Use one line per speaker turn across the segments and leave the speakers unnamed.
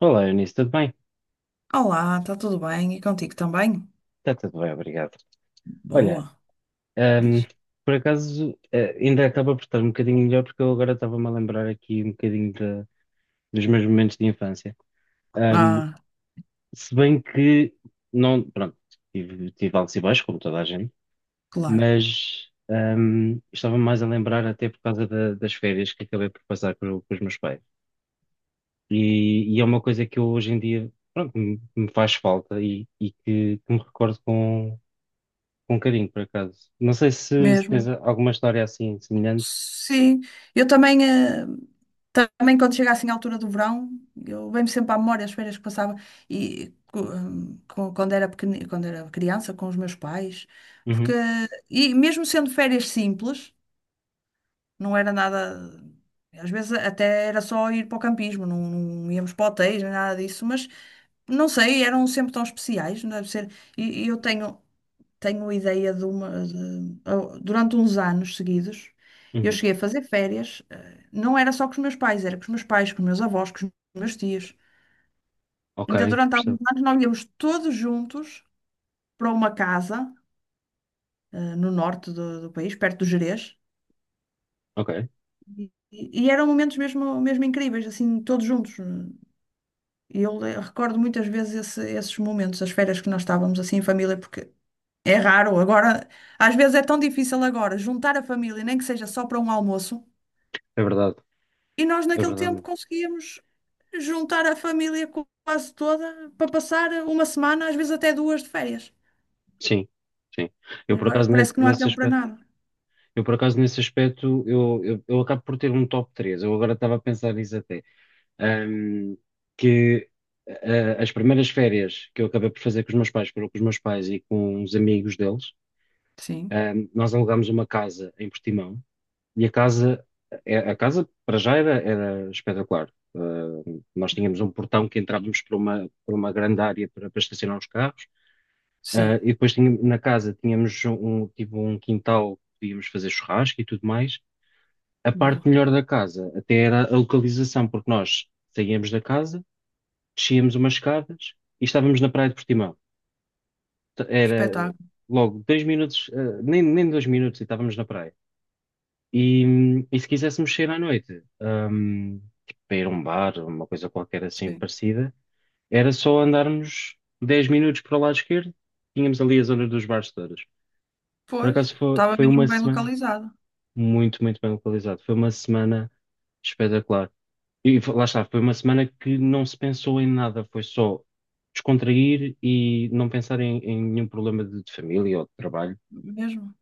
Olá, Eunice, tudo bem?
Olá, está tudo bem? E contigo também?
Está tudo bem, obrigado. Olha,
Boa,
ahm,
diz.
por acaso, ainda acaba por estar um bocadinho melhor, porque eu agora estava-me a lembrar aqui um bocadinho dos meus momentos de infância. Ahm,
Ah,
se bem que, não, pronto, tive altos e baixos, como toda a gente,
claro,
mas estava-me mais a lembrar até por causa das férias que acabei por passar com os meus pais. E é uma coisa que eu hoje em dia, pronto, me faz falta e que me recordo com carinho, por acaso. Não sei se tens
mesmo.
alguma história assim semelhante.
Sim, eu também, também quando chega assim à altura do verão, eu venho sempre à memória as férias que passava e quando era quando era criança com os meus pais, porque
Uhum,
e mesmo sendo férias simples, não era nada. Às vezes até era só ir para o campismo, não íamos para hotéis, nem nada disso, mas não sei, eram sempre tão especiais, não deve ser. E eu tenho, tenho ideia de uma. Durante uns anos seguidos, eu
uhum.
cheguei a fazer férias, não era só com os meus pais, era com os meus pais, com os meus avós, com os meus tios.
Ok,
Então, durante alguns
percebo.
anos, nós íamos todos juntos para uma casa, no norte do país, perto do Gerês.
Ok,
E eram momentos mesmo, mesmo incríveis, assim, todos juntos. E eu recordo muitas vezes esses momentos, as férias que nós estávamos assim em família, porque é raro agora, às vezes é tão difícil agora juntar a família, nem que seja só para um almoço,
é verdade.
e nós
É
naquele
verdade
tempo
mesmo.
conseguíamos juntar a família quase toda para passar uma semana, às vezes até duas de férias.
Sim, sim. Eu por
Agora
acaso ne-
parece que não há
nesse
tempo para
aspecto,
nada.
eu por acaso nesse aspecto, eu acabo por ter um top três. Eu agora estava a pensar nisso até. Ahm, que ah, as primeiras férias que eu acabei por fazer com os meus pais, foram com os meus pais e com os amigos deles.
Sim,
Nós alugámos uma casa em Portimão. E a casa, a casa para já era espetacular. Nós tínhamos um portão que entrávamos por uma grande área para estacionar os carros. Uh,
sim.
e depois tínhamos, na casa tínhamos tipo um quintal que podíamos fazer churrasco e tudo mais. A parte
Boa.
melhor da casa até era a localização, porque nós saíamos da casa, descíamos umas escadas e estávamos na praia de Portimão. Era
Espetáculo.
logo 2 minutos, nem 2 minutos e estávamos na praia. E, e se quiséssemos sair à noite, tipo, para ir a um bar, uma coisa qualquer assim
Sim.
parecida, era só andarmos 10 minutos para o lado esquerdo, tínhamos ali a zona dos bares todas. Por
Pois,
acaso foi,
estava
foi uma
mesmo bem
semana
localizado.
muito, muito bem localizado. Foi uma semana espetacular. E lá está, foi uma semana que não se pensou em nada, foi só descontrair e não pensar em nenhum problema de família ou de trabalho.
Mesmo.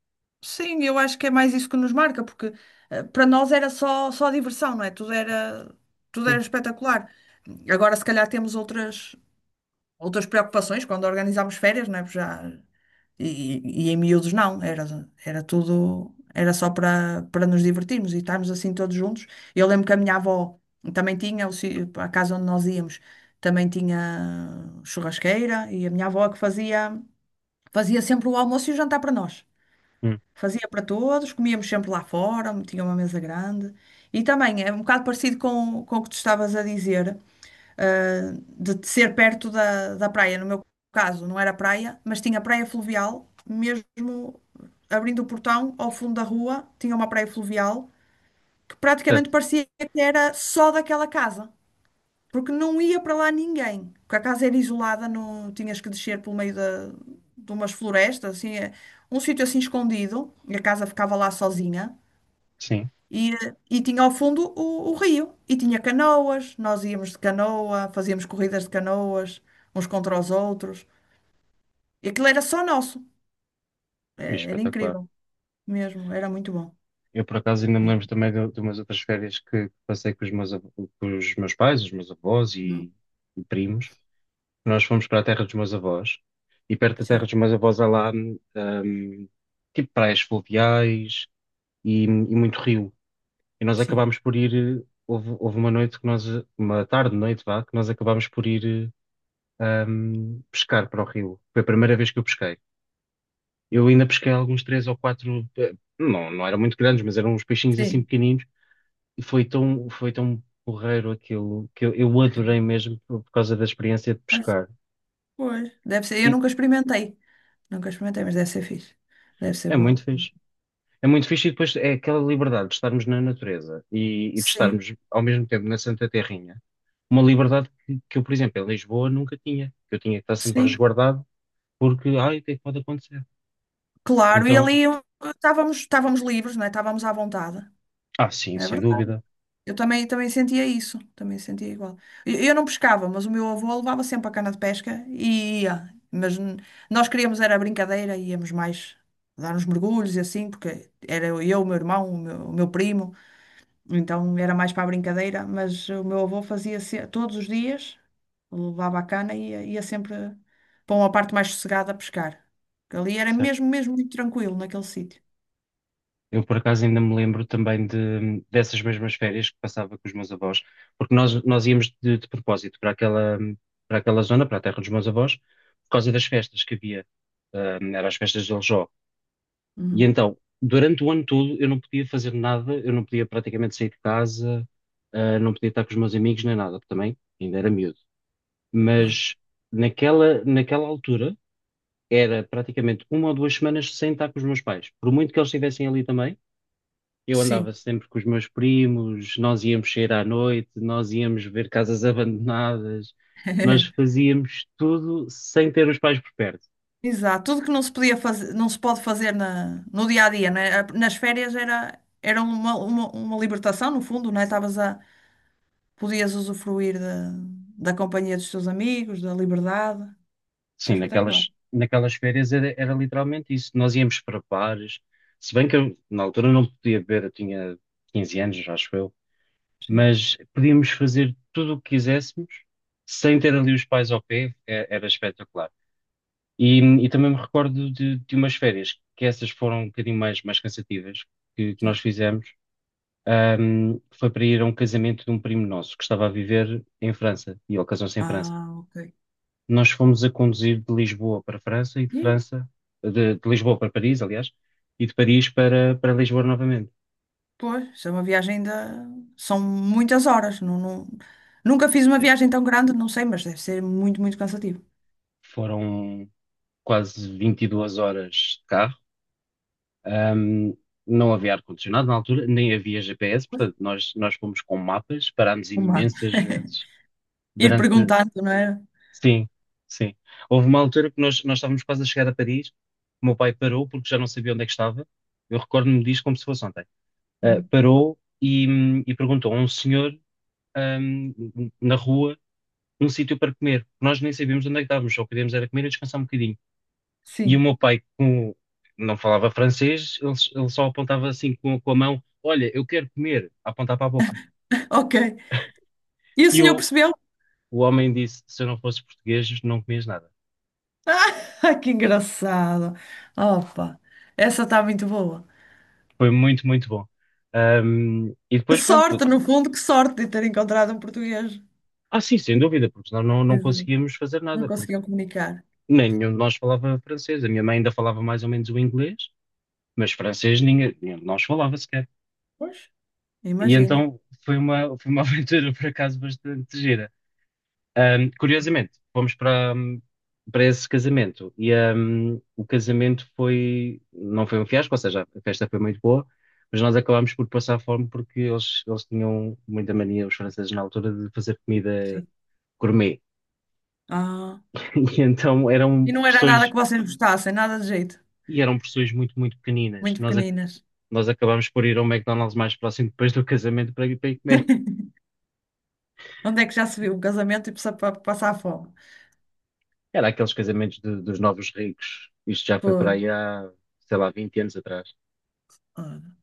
Sim, eu acho que é mais isso que nos marca, porque para nós era só, só diversão, não é? Tudo era
Sim.
espetacular. Agora, se calhar, temos outras, outras preocupações quando organizámos férias, não é? Porque já, e em miúdos, não. Era, era tudo, era só para, para nos divertirmos e estarmos assim todos juntos. Eu lembro que a minha avó também tinha, a casa onde nós íamos, também tinha churrasqueira e a minha avó é que fazia, fazia sempre o almoço e o jantar para nós.
Hum,
Fazia para todos, comíamos sempre lá fora, tinha uma mesa grande. E também é um bocado parecido com o que tu estavas a dizer, ah, de ser perto da, da praia. No meu caso, não era praia, mas tinha praia fluvial, mesmo abrindo o portão ao fundo da rua, tinha uma praia fluvial que praticamente
certo.
parecia que era só daquela casa porque não ia para lá ninguém. Porque a casa era isolada, no, tinhas que descer pelo meio de umas florestas, assim, um sítio assim escondido, e a casa ficava lá sozinha.
Sim,
E tinha ao fundo o rio, e tinha canoas, nós íamos de canoa, fazíamos corridas de canoas, uns contra os outros. E aquilo era só nosso. É,
e
era
espetacular.
incrível mesmo, era muito bom.
Eu, por acaso, ainda me lembro também de umas outras férias que passei com os meus pais, os meus avós
Hum,
e primos. Nós fomos para a terra dos meus avós e perto da terra
Sim,
dos meus avós há lá, tipo praias fluviais e muito rio. E nós
sim.
acabámos por ir, houve uma noite uma tarde, noite, vá, que nós acabámos por ir, pescar para o rio. Foi a primeira vez que eu pesquei. Eu ainda pesquei alguns três ou quatro, não eram muito grandes, mas eram uns peixinhos assim
Sim,
pequeninos. E foi tão porreiro aquilo que eu adorei mesmo por causa da experiência de
mas,
pescar.
pois. Deve ser, eu
E
nunca experimentei, mas deve ser fixe, deve ser
é
bom.
muito fixe. É muito fixe e depois é aquela liberdade de estarmos na natureza e de
Sim.
estarmos ao mesmo tempo na Santa Terrinha. Uma liberdade que eu, por exemplo, em Lisboa nunca tinha. Eu tinha que estar sempre
Sim,
resguardado porque, ai, o que é que pode acontecer?
claro. E
Então,
ali estávamos, estávamos livres, não é? Estávamos à vontade.
ah, sim,
É
sem
verdade.
dúvida.
Eu também, também sentia isso. Também sentia igual. Eu não pescava, mas o meu avô levava sempre a cana de pesca e ia. Mas nós queríamos era brincadeira, íamos mais dar uns mergulhos e assim, porque era eu, o meu irmão, o meu primo. Então era mais para a brincadeira, mas o meu avô fazia todos os dias. Levava a cana e ia, ia sempre para uma parte mais sossegada a pescar. Porque ali era mesmo, mesmo muito tranquilo naquele sítio.
Eu, por acaso, ainda me lembro também dessas mesmas férias que passava com os meus avós, porque nós íamos de propósito para aquela zona, para a terra dos meus avós, por causa das festas que havia. Eram as festas de Aljó. E
Uhum,
então, durante o ano todo, eu não podia fazer nada, eu não podia praticamente sair de casa, ah, não podia estar com os meus amigos nem nada, porque também ainda era miúdo.
claro.
Mas naquela altura, era praticamente uma ou duas semanas sem estar com os meus pais. Por muito que eles estivessem ali também, eu andava
Sim.
sempre com os meus primos. Nós íamos sair à noite, nós íamos ver casas abandonadas, nós fazíamos tudo sem ter os pais por perto.
Exato. Tudo que não se podia fazer, não se pode fazer na, no dia a dia, né? Nas férias era, era uma libertação, no fundo, né? Estavas a, podias usufruir da, da companhia dos teus amigos, da liberdade. Isso
Sim,
é espetacular.
naquelas férias era literalmente isso. Nós íamos para bares, se bem que eu, na altura não podia beber, eu tinha 15 anos, acho eu,
Sim,
mas podíamos fazer tudo o que quiséssemos sem ter ali os pais ao pé, era espetacular. E, e também me recordo de umas férias, que essas foram um bocadinho mais cansativas, que nós
sim.
fizemos. Foi para ir a um casamento de um primo nosso que estava a viver em França, e ele casou-se em França.
Ah, ok.
Nós fomos a conduzir de Lisboa para França e de
E,
França, de Lisboa para Paris, aliás, e de Paris para Lisboa novamente.
pois, isso é uma viagem da... São muitas horas. Não, nunca fiz uma
Sim.
viagem tão grande, não sei, mas deve ser muito, muito cansativo.
Foram quase 22 horas de carro. Um, não havia ar-condicionado na altura, nem havia GPS,
Pois,
portanto, nós fomos com mapas, parámos
uma...
imensas vezes
Ir
durante.
perguntando, não era?
Sim, sim. Houve uma altura que nós estávamos quase a chegar a Paris, o meu pai parou porque já não sabia onde é que estava. Eu recordo-me disto como se fosse ontem. Ah,
Uhum.
parou e perguntou a um senhor, na rua, um sítio para comer. Nós nem sabíamos onde é que estávamos, só queríamos era comer e descansar um bocadinho. E o
Sim.
meu pai, como não falava francês, ele só apontava assim com a mão: "Olha, eu quero comer", a apontar para a boca.
Ok. E o
E
senhor
o,
percebeu?
o homem disse: "Se eu não fosse português, não comias nada."
Ah, que engraçado. Opa, essa está muito boa.
Foi muito, muito bom. E
Que
depois, pronto,
sorte, no fundo, que sorte de ter encontrado um português.
ah, sim, sem dúvida, porque senão não,
Quer
não
dizer,
conseguíamos fazer
não
nada, porque
conseguiam comunicar.
nenhum de nós falava francês. A minha mãe ainda falava mais ou menos o inglês, mas francês ninguém, nenhum de nós falava sequer.
Pois,
E
imagino.
então foi uma aventura, por acaso, bastante gira. Curiosamente, fomos para esse casamento e o casamento foi, não foi um fiasco, ou seja, a festa foi muito boa, mas nós acabámos por passar fome porque eles tinham muita mania, os franceses na altura, de fazer comida
Sim.
gourmet.
Ah.
E então
E
eram
não era nada
porções,
que vocês gostassem, nada de jeito.
e eram porções muito, muito pequeninas.
Muito
Nós, ac-
pequeninas.
nós acabámos por ir ao McDonald's mais próximo depois do casamento para ir comer.
Onde é que já se viu um casamento e precisa passar fome?
Era aqueles casamentos dos novos ricos. Isto já foi para
Por...
aí há, sei lá, 20 anos atrás.
ah,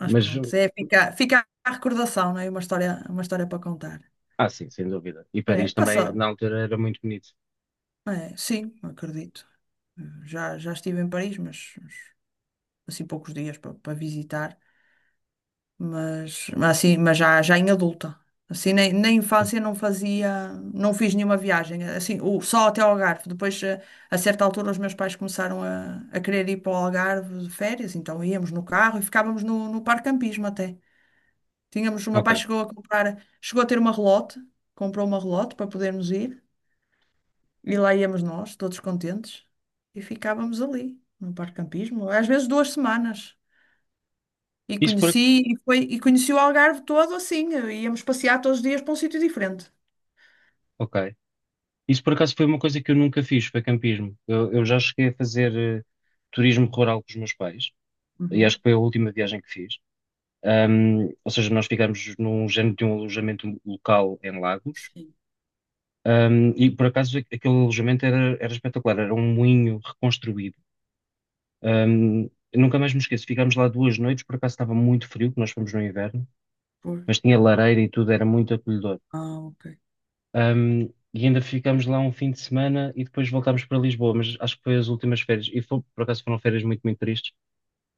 mas
Mas
pronto, é, fica, fica a recordação, não é? Uma história para contar.
Ah, sim, sem dúvida. E
É,
Paris também,
passa,
na altura, era muito bonito.
é, sim, acredito. Já, já estive em Paris, mas, assim poucos dias para, para visitar. Mas assim, mas já em adulta. Assim, nem, na infância não fazia, não fiz nenhuma viagem, assim, só até ao Algarve. Depois, a, certa altura, os meus pais começaram a querer ir para o Algarve de férias, então íamos no carro e ficávamos no parque campismo até. Tínhamos, o meu
Ok.
pai chegou a comprar, chegou a ter uma relote, comprou uma relote para podermos ir, e lá íamos nós, todos contentes, e ficávamos ali, no parque campismo, às vezes 2 semanas. E
Isso por,
conheci, e foi, e conheci o Algarve todo assim. Íamos passear todos os dias para um sítio diferente.
ok. Isso por acaso foi uma coisa que eu nunca fiz, foi campismo. Eu já cheguei a fazer eh, turismo rural com os meus pais, e
Uhum.
acho que foi a última viagem que fiz. Ou seja, nós ficámos num género de um alojamento local em Lagos.
Sim.
E por acaso aquele alojamento era espetacular, era um moinho reconstruído. Eu nunca mais me esqueço, ficámos lá 2 noites, por acaso estava muito frio, que nós fomos no inverno,
Pois,
mas tinha lareira e tudo, era muito acolhedor.
ah, ok.
Um, e ainda ficamos lá um fim de semana e depois voltámos para Lisboa, mas acho que foi as últimas férias. E por acaso foram férias muito, muito tristes,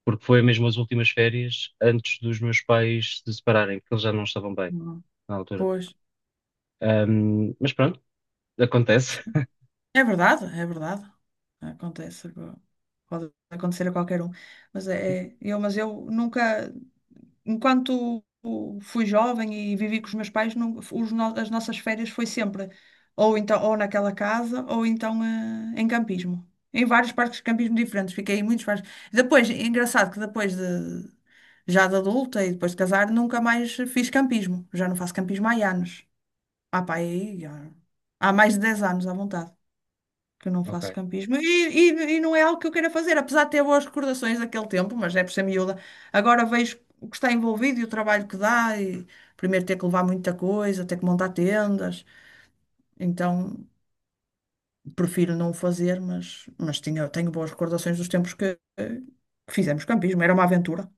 porque foi mesmo as últimas férias antes dos meus pais se separarem, porque eles já não estavam bem
Não,
na altura.
pois,
Mas pronto, acontece.
sim. É verdade, é verdade. Acontece, agora. Pode acontecer a qualquer um. Mas
Sim,
é, eu, mas eu nunca. Enquanto fui jovem e vivi com os meus pais, não- os no- as nossas férias foi sempre ou então ou naquela casa ou então em campismo. Em vários parques de campismo diferentes, fiquei em muitos parques. Depois, é engraçado que depois de já de adulta e depois de casar, nunca mais fiz campismo. Já não faço campismo há anos. Ah, pá, aí, há mais de 10 anos à vontade que eu não faço
ok.
campismo. E não é algo que eu queira fazer, apesar de ter boas recordações daquele tempo, mas é por ser miúda. Agora vejo o que está envolvido e o trabalho que dá, e primeiro ter que levar muita coisa, ter que montar tendas. Então. Prefiro não o fazer, mas tinha, tenho boas recordações dos tempos que fizemos campismo. Era uma aventura.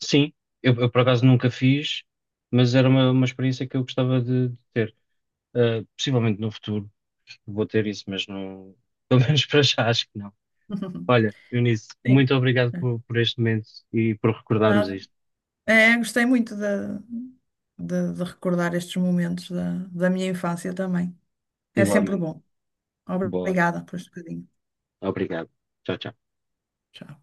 Sim, eu por acaso nunca fiz, mas era uma experiência que eu gostava de ter. Possivelmente no futuro vou ter isso, mas não, pelo menos para já acho que não. Olha, Eunice, muito
Sim.
obrigado
É,
por este momento e por recordarmos
nada.
isto.
É, gostei muito de recordar estes momentos da minha infância também. É sempre
Igualmente.
bom.
Boa.
Obrigada por este bocadinho.
Obrigado. Tchau, tchau.
Tchau.